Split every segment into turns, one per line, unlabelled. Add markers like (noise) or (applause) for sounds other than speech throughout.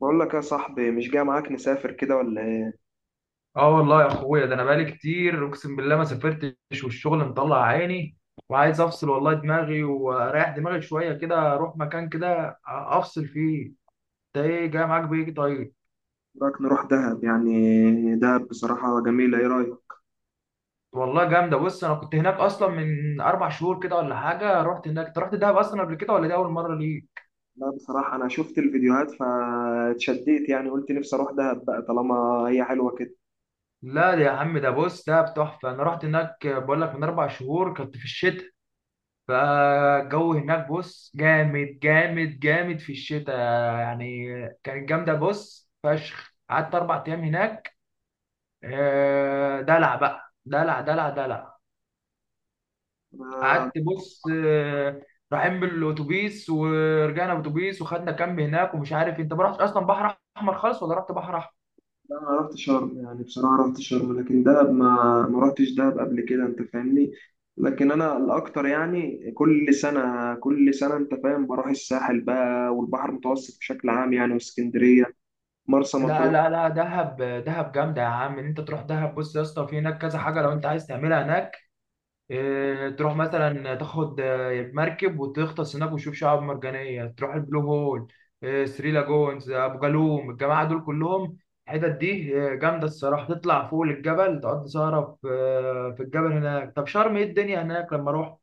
بقول لك يا صاحبي، مش جاي معاك نسافر كده ولا ايه؟
اه والله يا اخويا ده انا بقالي كتير اقسم بالله ما سافرتش والشغل مطلع عيني، وعايز افصل والله دماغي واريح دماغي شويه كده اروح مكان كده افصل فيه. ده ايه جاي معاك بايه؟ طيب.
رايك نروح دهب؟ يعني دهب بصراحة جميلة، ايه رايك؟
والله جامده، بص انا كنت هناك اصلا من 4 شهور كده ولا حاجه. رحت هناك. انت رحت دهب اصلا قبل كده ولا دي اول مره ليك؟
لا بصراحة انا شفت الفيديوهات فاتشديت، يعني قلت نفسي اروح دهب بقى طالما هي حلوة كده.
لا يا عم، ده بص ده تحفه. انا رحت هناك بقول لك من 4 شهور، كنت في الشتاء. فالجو هناك بص جامد جامد جامد في الشتاء. يعني كانت جامدة بص فشخ، قعدت 4 أيام هناك. آه، دلع بقى، دلع دلع دلع.
انا
قعدت بص. رايحين بالأتوبيس ورجعنا بالأتوبيس وخدنا كامب هناك ومش عارف إيه. أنت ما رحتش أصلا بحر أحمر خالص ولا رحت بحر أحمر؟
لا، انا رحت شرم، يعني بصراحة رحت شرم، لكن دهب ما رحتش دهب قبل كده، انت فاهمني؟ لكن انا الاكتر يعني كل سنة انت فاهم، بروح الساحل بقى والبحر المتوسط بشكل عام، يعني واسكندرية، مرسى
لا
مطروح.
لا لا، دهب دهب جامدة يا عم. إن أنت تروح دهب بص يا اسطى، في هناك كذا حاجة لو أنت عايز تعملها هناك. إيه، تروح مثلا تاخد مركب وتغطس هناك وتشوف شعاب مرجانية، تروح البلو هول، إيه، ثري لاجونز، ابو جالوم، الجماعة دول كلهم. الحتت دي جامدة الصراحة. تطلع فوق الجبل تقضي سهرة في الجبل هناك. طب شرم، ايه الدنيا هناك لما رحت؟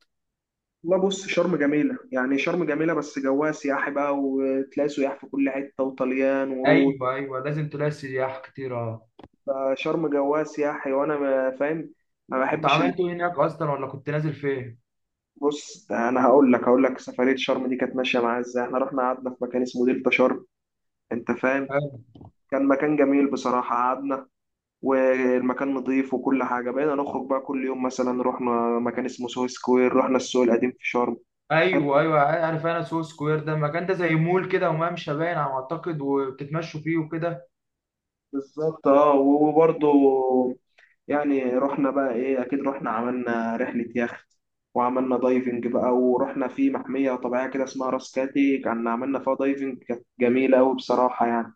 لا بص، شرم جميلة، يعني شرم جميلة بس جواها سياحي بقى، وتلاقي سياح في كل حتة، وطليان وروس.
ايوه ايوه، لازم تلاقي سياح كتير، اه.
فشرم جواها سياحي، وأنا فاهم، ما
انت
بحبش
عملت ايه هناك اصلا ولا كنت نازل فين؟
بص أنا هقول لك، هقول لك سفرية شرم دي كانت ماشية معايا إزاي. إحنا رحنا قعدنا في مكان اسمه دلتا شرم، أنت فاهم؟
آه.
كان مكان جميل بصراحة، قعدنا والمكان نظيف وكل حاجة. بقينا نخرج بقى كل يوم، مثلا رحنا مكان اسمه سوهو سكوير، رحنا السوق القديم في شرم.
ايوه ايوه، عارف انا سو سكوير ده، مكان ده زي مول كده وممشى باين على ما اعتقد، وبتتمشوا فيه وكده.
بالظبط اه، وبرضه يعني رحنا بقى ايه، اكيد رحنا عملنا رحلة يخت، وعملنا دايفنج بقى، ورحنا في محمية طبيعية كده اسمها راس كاتي، كان عملنا فيها دايفنج، كانت جميلة أوي بصراحة يعني.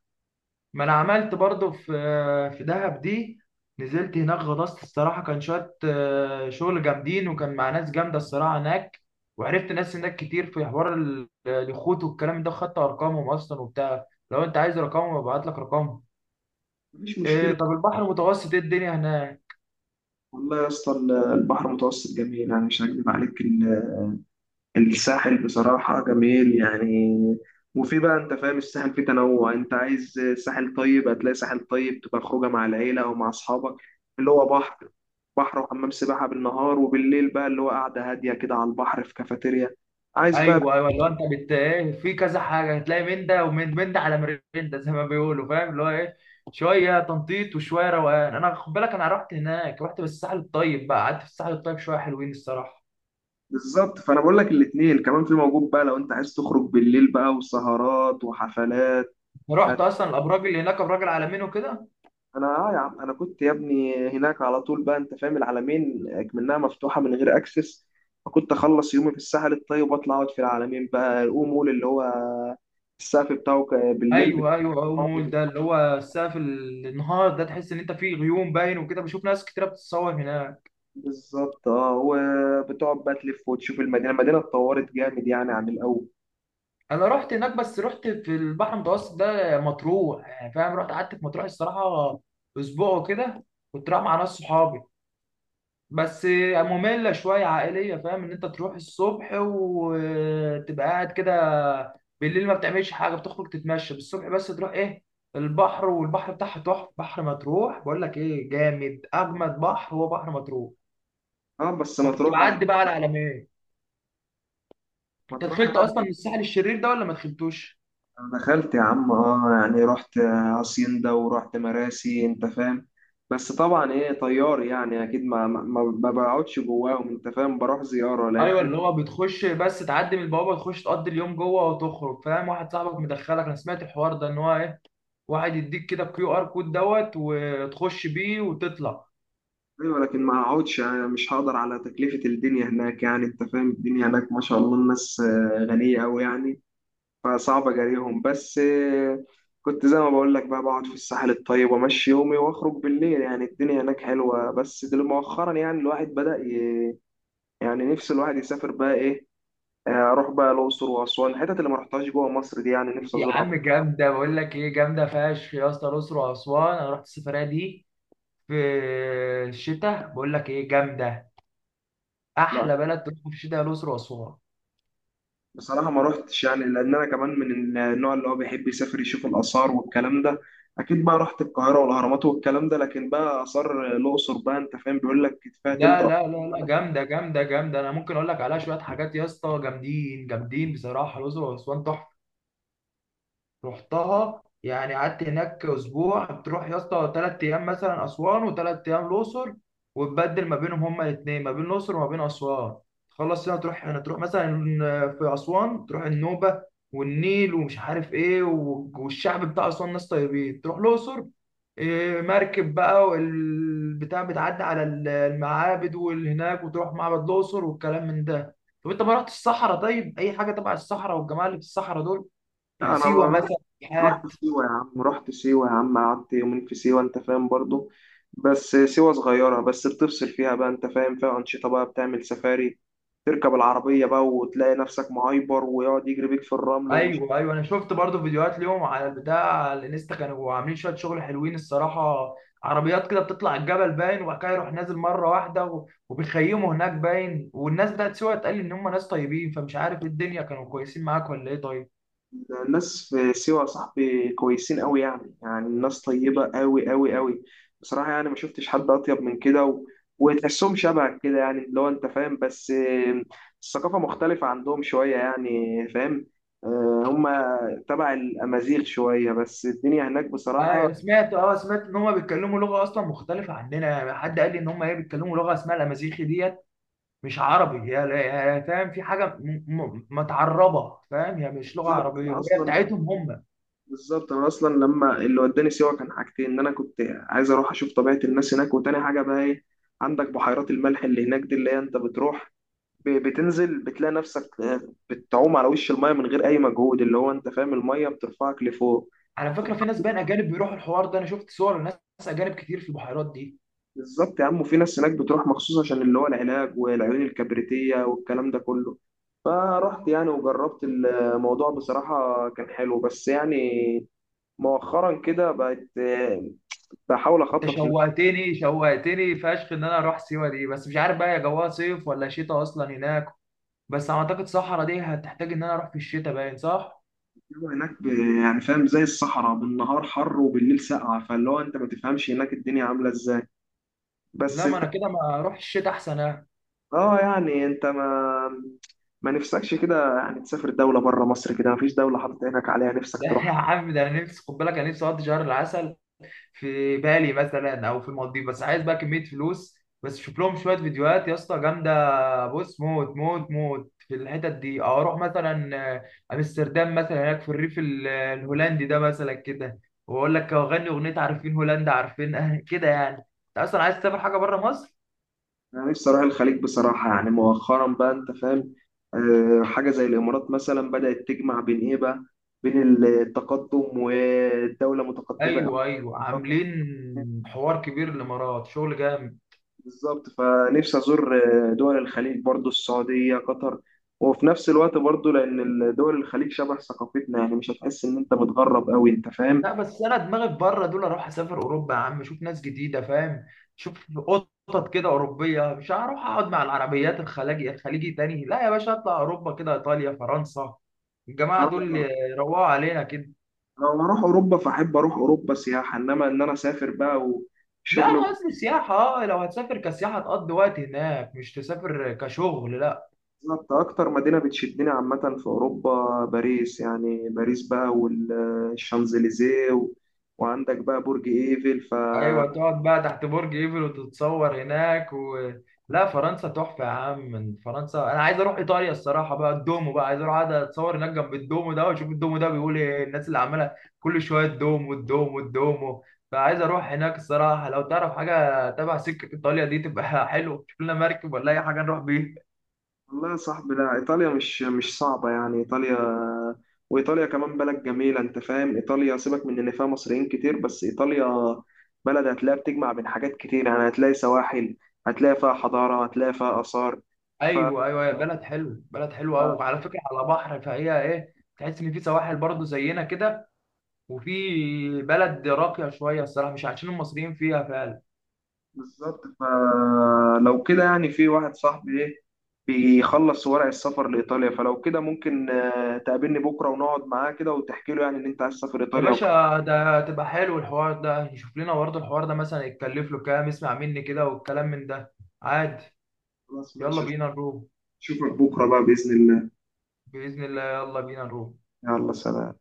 ما انا عملت برضو في دهب دي. نزلت هناك غطست الصراحه، كان شويه شغل جامدين، وكان مع ناس جامده الصراحه هناك. وعرفت ناس هناك كتير في حوار اليخوت والكلام ده، خدت ارقامهم اصلا وبتاع. لو انت عايز رقمهم ابعت لك رقمهم.
مفيش
إيه،
مشكلة.
طب البحر المتوسط ايه الدنيا هناك؟
والله يا اسطى، البحر المتوسط جميل، يعني مش هكذب عليك، الساحل بصراحة جميل يعني. وفي بقى انت فاهم، الساحل فيه تنوع. انت عايز ساحل طيب، هتلاقي ساحل طيب تبقى خروجه مع العيلة او مع اصحابك، اللي هو بحر، بحر وحمام سباحة بالنهار، وبالليل بقى اللي هو قاعدة هادية كده على البحر في كافيتيريا. عايز بقى
ايوه ايوه، اللي هو انت بت ايه، في كذا حاجه هتلاقي، من ده ومن من ده، على مرندة زي ما بيقولوا، فاهم اللي هو ايه، شويه تنطيط وشويه روقان. انا خد بالك، انا رحت هناك، رحت بالساحل الطيب بقى، قعدت في الساحل الطيب شويه، حلوين الصراحه.
بالظبط، فانا بقول لك الاتنين كمان في موجود بقى، لو انت عايز تخرج بالليل بقى وسهرات وحفلات.
رحت اصلا الابراج اللي هناك، ابراج العالمين وكده؟
انا اه يا عم، انا كنت يا ابني هناك على طول بقى، انت فاهم، العلمين اكمنها مفتوحه من غير اكسس، فكنت اخلص يومي في الساحل الطيب واطلع اقعد في العلمين بقى، الأو مول اللي هو السقف بتاعه بالليل
ايوه ايوه، أو
بتاعه
مول ده اللي هو السقف، النهار ده تحس ان انت فيه غيوم باين وكده، بشوف ناس كتيره بتتصور هناك.
بالظبط اه. وبتقعد بقى تلف وتشوف المدينه، المدينه اتطورت جامد يعني عن الاول.
انا رحت هناك، بس رحت في البحر المتوسط ده مطروح يعني، فاهم. رحت قعدت في مطروح الصراحه اسبوع وكده. كنت رايح مع ناس صحابي بس، مملة شوية عائلية، فاهم ان انت تروح الصبح وتبقى قاعد كده، بالليل ما بتعملش حاجة، بتخرج تتمشى بالصبح بس، تروح ايه البحر. والبحر بتاعها تحفة، بحر مطروح بقول لك ايه، جامد، اجمد بحر هو بحر مطروح.
اه بس
فكنت
مطروح،
بعدي بقى على العلمين. انت
مطروح
دخلت
يعني،
اصلا الساحل الشرير ده ولا ما دخلتوش؟
أنا دخلت يا عم اه، يعني رحت هاسيندا ورحت مراسي، انت فاهم. بس طبعا ايه، طيار يعني اكيد ما بقعدش جواهم، انت فاهم، بروح زياره
ايوه،
لان
اللي هو بتخش بس، تعدي من البوابه تخش تقضي اليوم جوه وتخرج، فاهم، واحد صاحبك مدخلك. انا سمعت الحوار ده، ان هو ايه، واحد يديك كده كيو ار كود دوت، وتخش بيه وتطلع.
ايوه، لكن ما اقعدش يعني، مش هقدر على تكلفه الدنيا هناك، يعني انت فاهم، الدنيا هناك ما شاء الله الناس غنيه قوي يعني، فصعب اجاريهم. بس كنت زي ما بقول لك بقى، بقعد في الساحل الطيب وامشي يومي واخرج بالليل، يعني الدنيا هناك حلوه، بس دل مؤخرا يعني الواحد بدأ يعني نفس الواحد يسافر بقى ايه، اروح بقى الاقصر واسوان، الحتت اللي ما رحتهاش جوه مصر دي يعني نفسي
يا
ازورها.
عم جامدة بقول لك ايه، جامدة فشخ يا اسطى، الأقصر وأسوان. أنا رحت السفرية دي في الشتاء، بقول لك ايه جامدة.
لا
أحلى بلد تروح في الشتاء هي الأقصر وأسوان.
بصراحه ما رحتش، يعني لان انا كمان من النوع اللي هو بيحب يسافر يشوف الاثار والكلام ده. اكيد بقى رحت القاهره والاهرامات والكلام ده، لكن بقى اثار الاقصر بقى انت فاهم بيقول لك فيها تلت
لا لا لا لا،
أسوان.
جامدة جامدة جامدة، أنا ممكن أقول لك عليها شوية حاجات يا اسطى جامدين جامدين، بصراحة الأقصر وأسوان تحفة. رحتها يعني، قعدت هناك اسبوع. بتروح يا اسطى 3 ايام مثلا اسوان، وثلاث ايام الاقصر، وتبدل ما بينهم، هما الاثنين ما بين الاقصر وما بين اسوان. تخلص هنا تروح هنا، تروح مثلا في اسوان تروح النوبه والنيل ومش عارف ايه، والشعب بتاع اسوان ناس طيبين. تروح الاقصر، إيه، مركب بقى والبتاع، بتعدي على المعابد والهناك، وتروح معبد الاقصر والكلام من ده. طب انت ما رحتش الصحراء طيب، اي حاجه تبع الصحراء، والجماعه اللي في الصحراء دول،
لا،
يعني
انا
سيوه
بقى رحت،
مثلا،
رحت
سياحات.
سيوه يا عم، رحت سيوه يا عم، قعدت يومين في سيوه، انت فاهم برضو. بس سيوه صغيره، بس بتفصل فيها بقى انت فاهم، فيها انشطه بقى، بتعمل سفاري، تركب العربية بقى وتلاقي نفسك معايبر ويقعد يجري بيك في الرمل ومش
ايوه ايوه، انا شفت برضو فيديوهات ليهم على البتاع، على الانستا، كانوا عاملين شويه شغل حلوين الصراحه. عربيات كده بتطلع الجبل باين، وبعد كده يروح نازل مره واحده، وبيخيموا هناك باين. والناس بتاعت سيوه اتقال ان هم ناس طيبين، فمش عارف ايه الدنيا، كانوا كويسين معاك ولا ايه طيب؟
الناس في سيوة يا صاحبي كويسين قوي، يعني يعني الناس طيبة قوي قوي قوي بصراحة، يعني ما شفتش حد أطيب من كده. وتحسهم شبهك كده يعني، اللي هو أنت فاهم، بس الثقافة مختلفة عندهم شوية يعني، فاهم؟ هما تبع الأمازيغ شوية، بس الدنيا هناك بصراحة
ايوه، سمعت ان هم بيتكلموا لغه اصلا مختلفه عننا، يعني حد قال لي ان هم ايه، بيتكلموا لغه اسمها الامازيغي ديت، مش عربي هي. فاهم، في حاجه متعربه، فاهم، هي مش لغه
بالظبط.
عربيه، وهي بتاعتهم هم.
أنا أصلا لما اللي وداني سيوة كان حاجتين، إن أنا كنت عايز أروح أشوف طبيعة الناس هناك، وتاني حاجة بقى إيه، عندك بحيرات الملح اللي هناك دي، اللي هي أنت بتروح بتنزل بتلاقي نفسك بتعوم على وش المايه من غير اي مجهود، اللي هو انت فاهم، المايه بترفعك لفوق.
على فكرة في ناس بقى أجانب بيروحوا الحوار ده، أنا شفت صور لناس أجانب كتير في البحيرات دي.
بالظبط يا عم، وفي ناس هناك بتروح مخصوص عشان اللي هو العلاج والعيون الكبريتية والكلام ده كله. فرحت يعني وجربت الموضوع، بصراحة كان حلو، بس يعني مؤخرا كده بقت بحاول
أنت
أخطط إن أنا
شوقتني شوقتني فشخ إن أنا أروح سيوة دي، بس مش عارف بقى يا جواها صيف ولا شتاء أصلا هناك. بس أعتقد صحرا دي هتحتاج إن أنا أروح في الشتاء، باين صح؟
أعمل هناك يعني فاهم، زي الصحراء بالنهار حر وبالليل ساقعة، فاللي هو أنت ما تفهمش هناك الدنيا عاملة إزاي.
لا،
بس
ما أنا كده ما أروح الشتاء أحسن أنا.
اه يعني، انت ما نفسكش كده يعني تسافر دولة بره مصر؟ كده مفيش دولة حاطط عينك عليها
(laughs)
نفسك
لا
تروح؟
يا عم، ده أنا نفسي خد بالك، أنا نفسي أقضي شهر العسل في بالي مثلا، او في المالديف، بس عايز بقى كميه فلوس. بس شوف لهم شويه فيديوهات يا اسطى، جامده بص، موت موت موت في الحتت دي. أو اروح مثلا امستردام مثلا، هناك في الريف الهولندي ده مثلا كده، واقول لك اغني اغنيه، عارفين هولندا، عارفين؟ (laughs) أه كده، يعني انت اصلا عايز تسافر حاجه بره مصر.
انا نفسي اروح الخليج بصراحة، يعني مؤخرا بقى انت فاهم، حاجة زي الامارات مثلا بدأت تجمع بين ايه بقى، بين التقدم والدولة متقدمة أوي.
ايوه ايوه، عاملين حوار كبير، الامارات شغل جامد.
بالظبط فنفسي ازور دول الخليج برضو، السعودية، قطر، وفي نفس الوقت برضو لان دول الخليج شبه ثقافتنا، يعني مش هتحس ان انت متغرب قوي، انت فاهم.
لا، بس انا دماغي في بره دول، اروح اسافر اوروبا يا عم، اشوف ناس جديده، فاهم، شوف قطط كده اوروبيه، مش هروح اقعد مع العربيات الخليجي الخليجي تاني، لا يا باشا، اطلع اوروبا كده، ايطاليا، فرنسا، الجماعه دول يروقوا علينا كده.
أنا لما أروح أوروبا فأحب أروح أوروبا سياحة، إنما إن أنا أسافر بقى
لا
وشغل
انا
وكده،
قصدي سياحه. اه، لو هتسافر كسياحه تقضي وقت هناك، مش تسافر كشغل، لا.
أكتر مدينة بتشدني عامة في أوروبا باريس، يعني باريس بقى والشانزليزيه وعندك بقى برج إيفل ف
ايوه، تقعد بقى تحت برج ايفل وتتصور هناك. و... لا فرنسا تحفه يا عم. من فرنسا انا عايز اروح ايطاليا الصراحه بقى، الدومو بقى، عايز اروح اقعد اتصور هناك جنب الدومو ده، واشوف الدومو ده بيقول ايه، الناس اللي عماله كل شويه الدومو الدومو الدومو. فعايز اروح هناك الصراحه، لو تعرف حاجه تبع سكه ايطاليا دي تبقى (laughs) حلو، تشوف لنا مركب ولا اي حاجه نروح بيها.
والله يا صاحبي، لا إيطاليا مش صعبة، يعني إيطاليا، وإيطاليا كمان بلد جميلة، أنت فاهم، إيطاليا سيبك من إن فيها مصريين كتير، بس إيطاليا بلد هتلاقي بتجمع بين حاجات كتير، يعني هتلاقي سواحل، هتلاقي فيها حضارة، هتلاقي فيها آثار
ايوه ايوه، يا بلد حلوه
ف...
قوي، وعلى فكره على بحر، فهي ايه، تحس ان في سواحل برضه زينا كده، وفي بلد راقية شوية الصراحة، مش عايشين المصريين فيها فعلا.
بالظبط. فلو كده يعني، في واحد صاحبي ايه بيخلص ورق السفر لإيطاليا، فلو كده ممكن تقابلني بكرة، ونقعد معاه كده وتحكي له يعني إن أنت عايز تسافر
يا
إيطاليا وكده.
باشا ده تبقى حلو الحوار ده، نشوف لنا برضه الحوار ده مثلا يتكلف له كام، اسمع مني كده، والكلام من ده، عادي.
خلاص
يلا
ماشي،
بينا نروح.
أشوفك بكرة بقى بإذن الله.
بإذن الله، يلا بينا نروح.
يلا سلام.